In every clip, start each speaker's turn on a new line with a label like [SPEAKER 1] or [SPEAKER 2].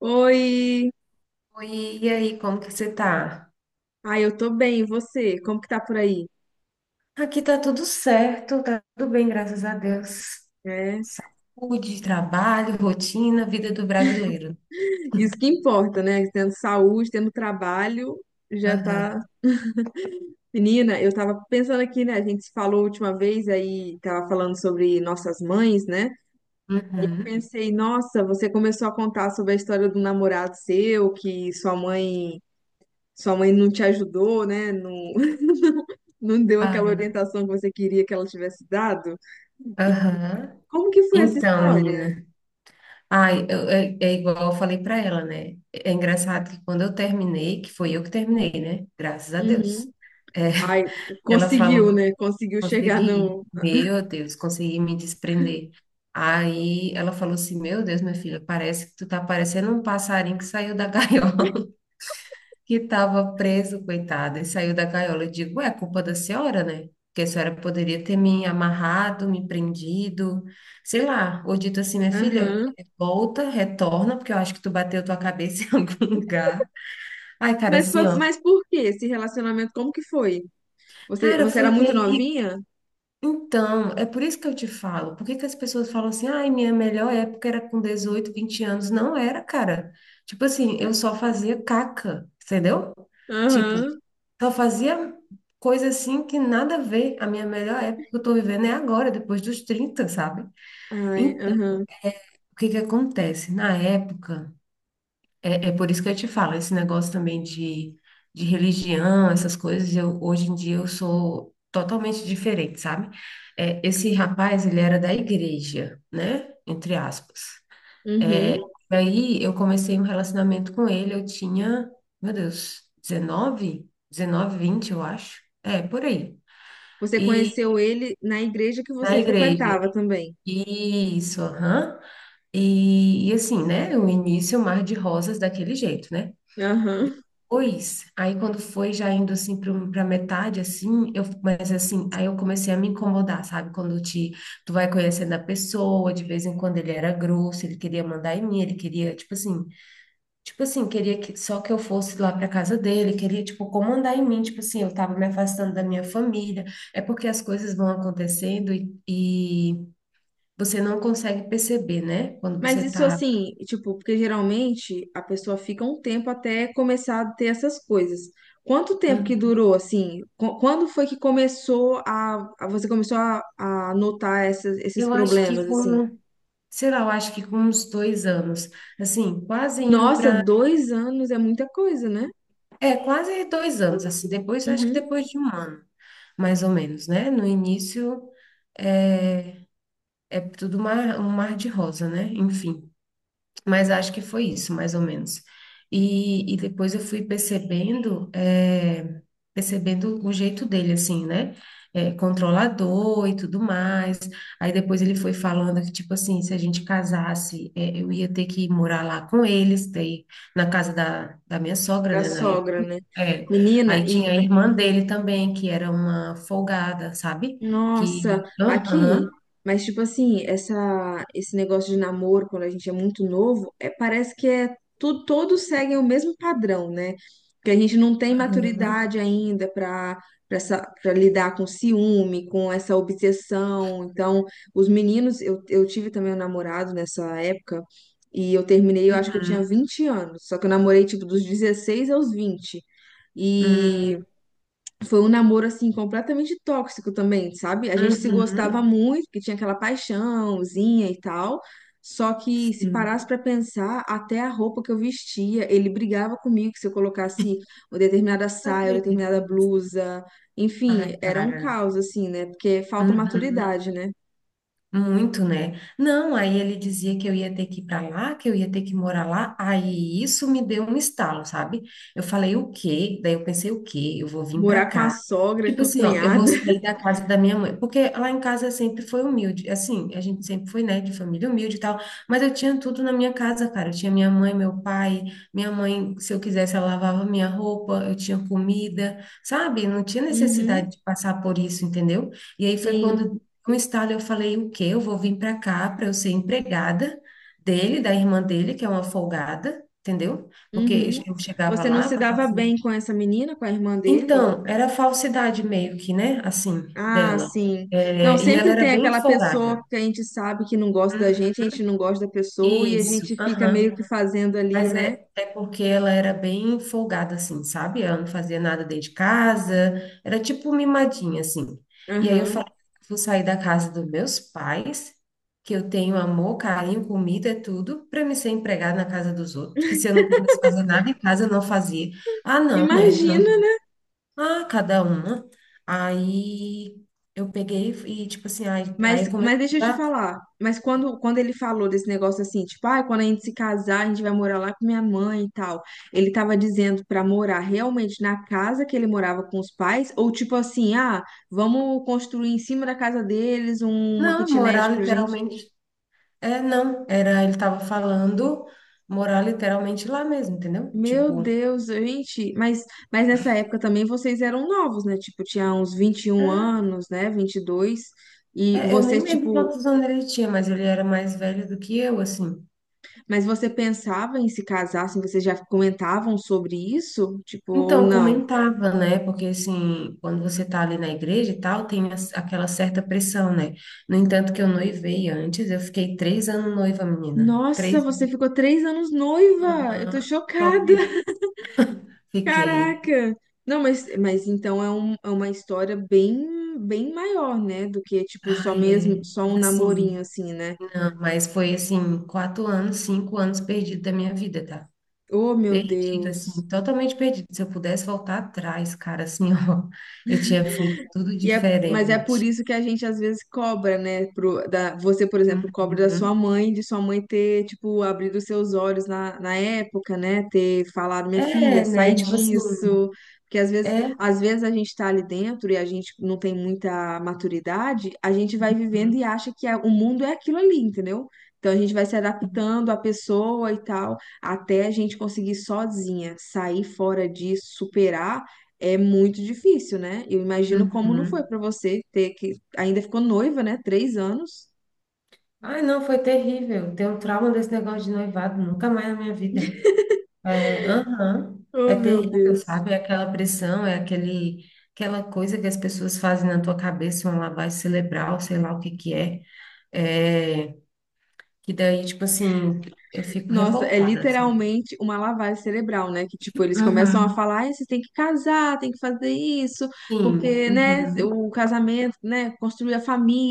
[SPEAKER 1] Oi!
[SPEAKER 2] Oi, e aí, como que você tá?
[SPEAKER 1] Ah, eu tô bem, e você? Como que tá por aí?
[SPEAKER 2] Aqui tá tudo certo, tá tudo bem, graças a Deus.
[SPEAKER 1] É,
[SPEAKER 2] Saúde, trabalho, rotina, vida do brasileiro.
[SPEAKER 1] isso que importa, né? Tendo saúde, tendo trabalho, já tá.
[SPEAKER 2] Aham.
[SPEAKER 1] Menina, eu tava pensando aqui, né? A gente se falou a última vez, aí tava falando sobre nossas mães, né?
[SPEAKER 2] Uhum.
[SPEAKER 1] Pensei, nossa, você começou a contar sobre a história do namorado seu, que sua mãe não te ajudou, né? Não, não deu aquela
[SPEAKER 2] Ai,
[SPEAKER 1] orientação que você queria que ela tivesse dado. E
[SPEAKER 2] aham.
[SPEAKER 1] como que foi essa
[SPEAKER 2] Então,
[SPEAKER 1] história?
[SPEAKER 2] menina, é igual eu falei pra ela, né? É engraçado que quando eu terminei, que foi eu que terminei, né? Graças a Deus.
[SPEAKER 1] Uhum.
[SPEAKER 2] É,
[SPEAKER 1] Ai,
[SPEAKER 2] ela
[SPEAKER 1] conseguiu,
[SPEAKER 2] falou:
[SPEAKER 1] né? Conseguiu chegar
[SPEAKER 2] Consegui,
[SPEAKER 1] no.
[SPEAKER 2] meu Deus, consegui me desprender. Aí ela falou assim: Meu Deus, minha filha, parece que tu tá parecendo um passarinho que saiu da gaiola, que tava preso, coitado, e saiu da gaiola. Eu digo: É culpa da senhora, né? Porque a senhora poderia ter me amarrado, me prendido, sei lá, ou dito assim: Minha filha,
[SPEAKER 1] Aham.
[SPEAKER 2] volta, retorna, porque eu acho que tu bateu tua cabeça em algum lugar. Ai, cara,
[SPEAKER 1] Mas,
[SPEAKER 2] assim, ó,
[SPEAKER 1] mas por que esse relacionamento? Como que foi? Você,
[SPEAKER 2] cara,
[SPEAKER 1] você
[SPEAKER 2] foi
[SPEAKER 1] era muito
[SPEAKER 2] terrível.
[SPEAKER 1] novinha?
[SPEAKER 2] Então, é por isso que eu te falo. Por que que as pessoas falam assim: ai, minha melhor época era com 18, 20 anos? Não era, cara. Tipo assim, eu só fazia caca, entendeu? Tipo,
[SPEAKER 1] Aham.
[SPEAKER 2] só fazia coisa assim que nada a ver. A minha melhor época, que eu tô vivendo, é agora, depois dos 30, sabe?
[SPEAKER 1] Ai,
[SPEAKER 2] Então,
[SPEAKER 1] aham.
[SPEAKER 2] o que que acontece na época? É por isso que eu te falo, esse negócio também de religião, essas coisas. Eu hoje em dia eu sou totalmente diferente, sabe? É, esse rapaz, ele era da igreja, né? Entre aspas. É,
[SPEAKER 1] Uhum.
[SPEAKER 2] e aí eu comecei um relacionamento com ele. Eu tinha, meu Deus, 19? 19, 20, eu acho. É, por aí.
[SPEAKER 1] Você
[SPEAKER 2] E
[SPEAKER 1] conheceu ele na igreja que
[SPEAKER 2] na
[SPEAKER 1] você
[SPEAKER 2] igreja.
[SPEAKER 1] frequentava também.
[SPEAKER 2] Isso, aham. E assim, né? O início, o mar de rosas daquele jeito, né?
[SPEAKER 1] Aham.
[SPEAKER 2] Pois, aí quando foi já indo assim para metade assim, eu, mas assim, aí eu comecei a me incomodar, sabe? Quando te Tu vai conhecendo a pessoa, de vez em quando ele era grosso, ele queria mandar em mim, ele queria, tipo assim, queria que só que eu fosse lá para casa dele, queria tipo comandar em mim. Tipo assim, eu tava me afastando da minha família. É porque as coisas vão acontecendo e você não consegue perceber, né? Quando
[SPEAKER 1] Mas
[SPEAKER 2] você
[SPEAKER 1] isso
[SPEAKER 2] tá...
[SPEAKER 1] assim, tipo, porque geralmente a pessoa fica um tempo até começar a ter essas coisas. Quanto tempo que
[SPEAKER 2] Hum.
[SPEAKER 1] durou, assim? Quando foi que começou você começou a notar esses
[SPEAKER 2] Eu acho que
[SPEAKER 1] problemas, assim?
[SPEAKER 2] com, sei lá, eu acho que com uns 2 anos, assim, quase indo
[SPEAKER 1] Nossa,
[SPEAKER 2] para,
[SPEAKER 1] 2 anos é muita coisa, né?
[SPEAKER 2] é, quase 2 anos, assim, depois, acho que
[SPEAKER 1] Uhum.
[SPEAKER 2] depois de 1 ano, mais ou menos, né? No início é tudo mar, um mar de rosa, né? Enfim. Mas acho que foi isso, mais ou menos. E depois eu fui percebendo, percebendo o jeito dele, assim, né? Controlador e tudo mais. Aí depois ele foi falando que, tipo assim, se a gente casasse, eu ia ter que ir morar lá com eles, daí, na casa da minha sogra,
[SPEAKER 1] Da
[SPEAKER 2] né, na época.
[SPEAKER 1] sogra, né?
[SPEAKER 2] É.
[SPEAKER 1] Menina.
[SPEAKER 2] Aí tinha a irmã dele também, que era uma folgada, sabe?
[SPEAKER 1] Nossa,
[SPEAKER 2] Que.
[SPEAKER 1] aqui,
[SPEAKER 2] Aham,
[SPEAKER 1] mas tipo assim, esse negócio de namoro quando a gente é muito novo, é, parece que todos seguem o mesmo padrão, né? Que a gente não tem
[SPEAKER 2] aham.
[SPEAKER 1] maturidade ainda para lidar com ciúme, com essa obsessão. Então, os meninos, eu tive também um namorado nessa época e eu terminei, eu acho que eu tinha 20 anos, só que eu namorei tipo dos 16 aos 20.
[SPEAKER 2] Uhum,
[SPEAKER 1] E foi um namoro assim completamente tóxico também, sabe? A gente se
[SPEAKER 2] uhum,
[SPEAKER 1] gostava
[SPEAKER 2] uhum.
[SPEAKER 1] muito, que tinha aquela paixãozinha e tal. Só que se
[SPEAKER 2] Sim.
[SPEAKER 1] parasse pra pensar, até a roupa que eu vestia, ele brigava comigo que se eu colocasse uma determinada
[SPEAKER 2] Não
[SPEAKER 1] saia, uma
[SPEAKER 2] acredito
[SPEAKER 1] determinada
[SPEAKER 2] nisso.
[SPEAKER 1] blusa,
[SPEAKER 2] Ai,
[SPEAKER 1] enfim, era um
[SPEAKER 2] cara.
[SPEAKER 1] caos assim, né? Porque falta
[SPEAKER 2] Uhum.
[SPEAKER 1] maturidade, né?
[SPEAKER 2] Muito, né? Não, aí ele dizia que eu ia ter que ir para lá, que eu ia ter que morar lá. Aí isso me deu um estalo, sabe? Eu falei: o quê? Daí eu pensei: o quê? Eu vou vir para
[SPEAKER 1] Morar com a
[SPEAKER 2] cá.
[SPEAKER 1] sogra,
[SPEAKER 2] Tipo
[SPEAKER 1] com a
[SPEAKER 2] assim, ó, eu vou
[SPEAKER 1] cunhada.
[SPEAKER 2] sair da casa da minha mãe, porque lá em casa sempre foi humilde, assim, a gente sempre foi, né, de família humilde e tal, mas eu tinha tudo na minha casa, cara. Eu tinha minha mãe, meu pai, minha mãe, se eu quisesse, ela lavava minha roupa, eu tinha comida, sabe? Não tinha
[SPEAKER 1] Uhum,
[SPEAKER 2] necessidade de passar por isso, entendeu? E aí foi
[SPEAKER 1] sim.
[SPEAKER 2] quando um estalo, eu falei: o quê? Eu vou vir para cá para eu ser empregada dele, da irmã dele, que é uma folgada, entendeu? Porque
[SPEAKER 1] Uhum.
[SPEAKER 2] eu chegava
[SPEAKER 1] Você não
[SPEAKER 2] lá,
[SPEAKER 1] se
[SPEAKER 2] passava
[SPEAKER 1] dava
[SPEAKER 2] assim.
[SPEAKER 1] bem com essa menina, com a irmã dele?
[SPEAKER 2] Então, era falsidade meio que, né? Assim,
[SPEAKER 1] Ah,
[SPEAKER 2] dela.
[SPEAKER 1] sim. Não,
[SPEAKER 2] É, e ela
[SPEAKER 1] sempre
[SPEAKER 2] era
[SPEAKER 1] tem
[SPEAKER 2] bem
[SPEAKER 1] aquela pessoa
[SPEAKER 2] folgada.
[SPEAKER 1] que a gente sabe que não gosta da
[SPEAKER 2] Uhum.
[SPEAKER 1] gente, a gente não gosta da pessoa e a
[SPEAKER 2] Isso,
[SPEAKER 1] gente fica meio que
[SPEAKER 2] aham.
[SPEAKER 1] fazendo ali,
[SPEAKER 2] Mas
[SPEAKER 1] né?
[SPEAKER 2] é, é porque ela era bem folgada, assim, sabe? Ela não fazia nada dentro de casa, era tipo mimadinha, assim. E aí eu
[SPEAKER 1] Aham.
[SPEAKER 2] falei, vou sair da casa dos meus pais, que eu tenho amor, carinho, comida, é tudo, para me ser empregada na casa dos outros, que se eu não quisesse fazer nada em casa, eu não fazia. Ah, não, né?
[SPEAKER 1] Imagina,
[SPEAKER 2] Não.
[SPEAKER 1] né?
[SPEAKER 2] Ah, cada uma. Aí eu peguei e, tipo assim, aí, aí eu
[SPEAKER 1] Mas,
[SPEAKER 2] comecei
[SPEAKER 1] mas
[SPEAKER 2] a
[SPEAKER 1] deixa eu te
[SPEAKER 2] estudar.
[SPEAKER 1] falar. Mas quando ele falou desse negócio assim, tipo, ah, quando a gente se casar, a gente vai morar lá com minha mãe e tal. Ele tava dizendo pra morar realmente na casa que ele morava com os pais, ou tipo assim, ah, vamos construir em cima da casa deles uma
[SPEAKER 2] Não,
[SPEAKER 1] kitnet
[SPEAKER 2] morar
[SPEAKER 1] pra gente.
[SPEAKER 2] literalmente. É, não, era, ele tava falando morar literalmente lá mesmo, entendeu?
[SPEAKER 1] Meu
[SPEAKER 2] Tipo,
[SPEAKER 1] Deus, gente, mas nessa época também vocês eram novos, né? Tipo, tinha uns vinte e um
[SPEAKER 2] é,
[SPEAKER 1] anos, né? 22. E
[SPEAKER 2] eu
[SPEAKER 1] você,
[SPEAKER 2] nem lembro
[SPEAKER 1] tipo,
[SPEAKER 2] quantos anos ele tinha, mas ele era mais velho do que eu, assim.
[SPEAKER 1] mas você pensava em se casar, assim, vocês já comentavam sobre isso? Tipo, ou
[SPEAKER 2] Então,
[SPEAKER 1] não?
[SPEAKER 2] comentava, né? Porque, assim, quando você tá ali na igreja e tal, tem aquela certa pressão, né? No entanto, que eu noivei antes, eu fiquei 3 anos noiva, menina.
[SPEAKER 1] Nossa,
[SPEAKER 2] Três
[SPEAKER 1] você
[SPEAKER 2] anos.
[SPEAKER 1] ficou 3 anos noiva! Eu tô
[SPEAKER 2] Aham, tu
[SPEAKER 1] chocada!
[SPEAKER 2] acredita? Fiquei.
[SPEAKER 1] Caraca! Não, mas então é uma história bem, bem maior, né? Do que, tipo, só
[SPEAKER 2] Ai,
[SPEAKER 1] mesmo,
[SPEAKER 2] é.
[SPEAKER 1] só
[SPEAKER 2] Mas,
[SPEAKER 1] um namorinho,
[SPEAKER 2] assim,
[SPEAKER 1] assim, né?
[SPEAKER 2] não, mas foi, assim, 4 anos, 5 anos perdido da minha vida, tá?
[SPEAKER 1] Oh, meu
[SPEAKER 2] Perdido, assim,
[SPEAKER 1] Deus!
[SPEAKER 2] totalmente perdido. Se eu pudesse voltar atrás, cara, assim, ó, eu tinha feito tudo
[SPEAKER 1] Mas é por
[SPEAKER 2] diferente.
[SPEAKER 1] isso que a gente às vezes cobra, né? Você, por exemplo, cobra da sua
[SPEAKER 2] Uhum.
[SPEAKER 1] mãe, de sua mãe ter, tipo, abrido os seus olhos na época, né? Ter falado, minha filha,
[SPEAKER 2] É,
[SPEAKER 1] sai
[SPEAKER 2] né? Tipo assim,
[SPEAKER 1] disso. Porque às vezes,
[SPEAKER 2] é.
[SPEAKER 1] às vezes a gente tá ali dentro e a gente não tem muita maturidade, a gente vai vivendo
[SPEAKER 2] Uhum.
[SPEAKER 1] e acha que o mundo é aquilo ali, entendeu? Então a gente vai se adaptando à pessoa e tal, até a gente conseguir sozinha sair fora disso, superar é muito difícil, né? Eu imagino como não foi
[SPEAKER 2] Uhum.
[SPEAKER 1] pra você ter que. Ainda ficou noiva, né? 3 anos.
[SPEAKER 2] Ai, não, foi terrível. Tenho um trauma desse negócio de noivado, nunca mais na minha vida. É, aham, é
[SPEAKER 1] Oh, meu
[SPEAKER 2] terrível,
[SPEAKER 1] Deus.
[SPEAKER 2] sabe? É aquela pressão, é aquele, aquela coisa que as pessoas fazem na tua cabeça, uma lavagem cerebral, sei lá o que que é. É, que daí, tipo assim, eu fico
[SPEAKER 1] Nossa, é
[SPEAKER 2] revoltada, assim.
[SPEAKER 1] literalmente uma lavagem cerebral, né? Que, tipo, eles começam a falar, "Ai, vocês têm que casar, tem que fazer isso,
[SPEAKER 2] Sim.
[SPEAKER 1] porque, né,
[SPEAKER 2] Uhum.
[SPEAKER 1] o casamento, né, construir a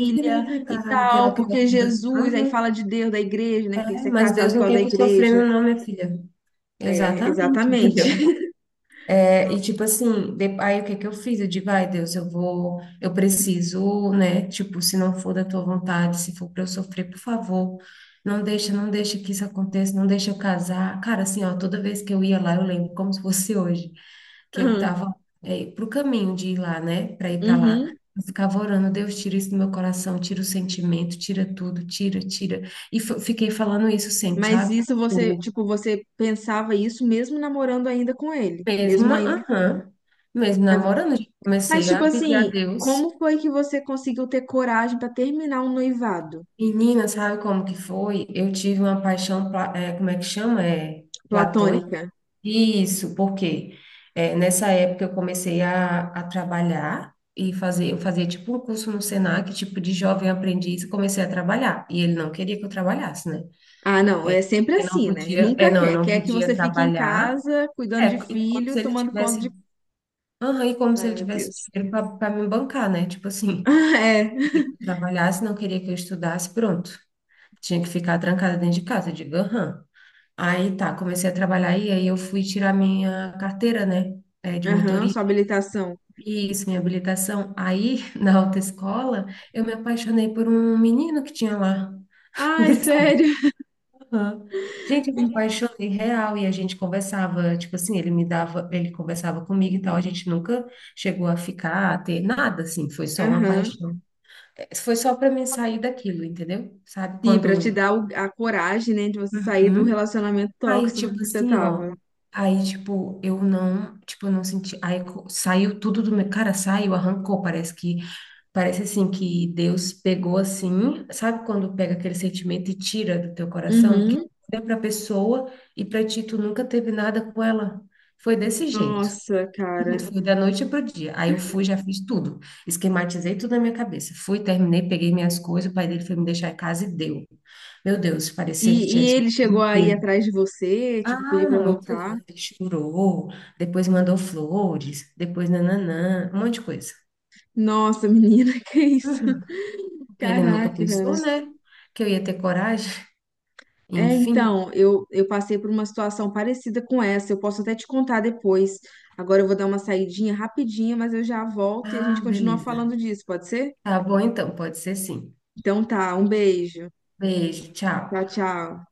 [SPEAKER 2] Deus me livre,
[SPEAKER 1] e
[SPEAKER 2] cara, aquela
[SPEAKER 1] tal, porque
[SPEAKER 2] criatura.
[SPEAKER 1] Jesus, aí
[SPEAKER 2] Uhum.
[SPEAKER 1] fala de Deus, da igreja, né, que tem que
[SPEAKER 2] É,
[SPEAKER 1] ser
[SPEAKER 2] mas
[SPEAKER 1] casado
[SPEAKER 2] Deus
[SPEAKER 1] por
[SPEAKER 2] não
[SPEAKER 1] causa da
[SPEAKER 2] quer tu
[SPEAKER 1] igreja.
[SPEAKER 2] sofrendo, não, minha filha.
[SPEAKER 1] É,
[SPEAKER 2] Exatamente,
[SPEAKER 1] exatamente.
[SPEAKER 2] entendeu? É, e tipo assim, aí o que que eu fiz? Eu digo: ai, Deus, eu preciso, né? Tipo, se não for da tua vontade, se for pra eu sofrer, por favor, não deixa, não deixa que isso aconteça, não deixa eu casar. Cara, assim, ó, toda vez que eu ia lá, eu lembro como se fosse hoje. Que eu tava, é, pro caminho de ir lá, né? Para ir para lá.
[SPEAKER 1] Uhum.
[SPEAKER 2] Eu ficava orando: Deus, tira isso do meu coração, tira o sentimento, tira tudo, tira, tira. E fiquei falando isso sempre,
[SPEAKER 1] Mas
[SPEAKER 2] sabe?
[SPEAKER 1] isso você,
[SPEAKER 2] O
[SPEAKER 1] tipo, você pensava isso mesmo namorando ainda com ele, mesmo
[SPEAKER 2] mesmo,
[SPEAKER 1] ainda.
[SPEAKER 2] aham, mesmo namorando, já
[SPEAKER 1] Mas
[SPEAKER 2] comecei
[SPEAKER 1] tipo
[SPEAKER 2] a pedir a
[SPEAKER 1] assim,
[SPEAKER 2] Deus.
[SPEAKER 1] como foi que você conseguiu ter coragem pra terminar um noivado?
[SPEAKER 2] Menina, sabe como que foi? Eu tive uma paixão, é, como é que chama? É, platônica?
[SPEAKER 1] Platônica.
[SPEAKER 2] Isso, porque nessa época eu comecei a trabalhar e fazer, eu fazia tipo um curso no Senac, tipo de jovem aprendiz, e comecei a trabalhar. E ele não queria que eu trabalhasse, né?
[SPEAKER 1] Ah, não, é sempre
[SPEAKER 2] Eu não
[SPEAKER 1] assim, né?
[SPEAKER 2] podia, é,
[SPEAKER 1] Nunca
[SPEAKER 2] não, eu
[SPEAKER 1] quer,
[SPEAKER 2] não
[SPEAKER 1] quer que
[SPEAKER 2] podia
[SPEAKER 1] você fique em
[SPEAKER 2] trabalhar.
[SPEAKER 1] casa cuidando
[SPEAKER 2] É,
[SPEAKER 1] de
[SPEAKER 2] e como
[SPEAKER 1] filho,
[SPEAKER 2] se ele
[SPEAKER 1] tomando conta de.
[SPEAKER 2] tivesse, aham, e como se
[SPEAKER 1] Ai,
[SPEAKER 2] ele
[SPEAKER 1] meu
[SPEAKER 2] tivesse
[SPEAKER 1] Deus.
[SPEAKER 2] dinheiro para me bancar, né? Tipo assim,
[SPEAKER 1] É.
[SPEAKER 2] queria que eu trabalhasse, não queria que eu estudasse, pronto. Tinha que ficar trancada dentro de casa, eu digo, aham. Aí tá, comecei a trabalhar e aí eu fui tirar minha carteira, né? É, de
[SPEAKER 1] Aham,
[SPEAKER 2] motorista.
[SPEAKER 1] sua habilitação.
[SPEAKER 2] Isso, minha habilitação. Aí, na autoescola, eu me apaixonei por um menino que tinha lá.
[SPEAKER 1] Ai,
[SPEAKER 2] Engraçado.
[SPEAKER 1] sério.
[SPEAKER 2] Aham. Gente, eu me apaixonei real e a gente conversava, tipo assim, ele me dava, ele conversava comigo e tal, a gente nunca chegou a ficar, a ter nada, assim, foi só uma
[SPEAKER 1] Aham.
[SPEAKER 2] paixão. É, foi só para mim sair daquilo, entendeu? Sabe,
[SPEAKER 1] Sim, pra te
[SPEAKER 2] quando...
[SPEAKER 1] dar a coragem, né, de você sair do
[SPEAKER 2] Uhum.
[SPEAKER 1] relacionamento
[SPEAKER 2] Aí,
[SPEAKER 1] tóxico
[SPEAKER 2] tipo
[SPEAKER 1] que você
[SPEAKER 2] assim, ó.
[SPEAKER 1] tava.
[SPEAKER 2] Aí, tipo, eu não senti. Saiu tudo do meu. Cara, saiu, arrancou. Parece que. Parece assim que Deus pegou assim. Sabe quando pega aquele sentimento e tira do teu coração? Que
[SPEAKER 1] Uhum.
[SPEAKER 2] olha pra pessoa e pra ti tu nunca teve nada com ela. Foi desse jeito.
[SPEAKER 1] Nossa, cara.
[SPEAKER 2] Foi da noite pro dia. Aí eu fui, já fiz tudo. Esquematizei tudo na minha cabeça. Fui, terminei, peguei minhas coisas. O pai dele foi me deixar em casa e deu. Meu Deus,
[SPEAKER 1] E,
[SPEAKER 2] parecia que tinha
[SPEAKER 1] e
[SPEAKER 2] tido
[SPEAKER 1] ele chegou
[SPEAKER 2] um
[SPEAKER 1] aí
[SPEAKER 2] tiro.
[SPEAKER 1] atrás de você, tipo, pedir
[SPEAKER 2] Ah,
[SPEAKER 1] pra
[SPEAKER 2] muito
[SPEAKER 1] voltar.
[SPEAKER 2] lindo. Chorou, depois mandou flores, depois nananã, um monte de coisa.
[SPEAKER 1] Nossa, menina, que isso?
[SPEAKER 2] Uhum. Porque ele nunca
[SPEAKER 1] Caraca, cara.
[SPEAKER 2] pensou, né? Que eu ia ter coragem.
[SPEAKER 1] É,
[SPEAKER 2] Enfim.
[SPEAKER 1] então, eu passei por uma situação parecida com essa. Eu posso até te contar depois. Agora eu vou dar uma saidinha rapidinha, mas eu já volto e a
[SPEAKER 2] Ah,
[SPEAKER 1] gente continua
[SPEAKER 2] beleza.
[SPEAKER 1] falando disso, pode ser?
[SPEAKER 2] Tá bom então, pode ser sim.
[SPEAKER 1] Então tá, um beijo.
[SPEAKER 2] Beijo, tchau.
[SPEAKER 1] Tchau, tchau.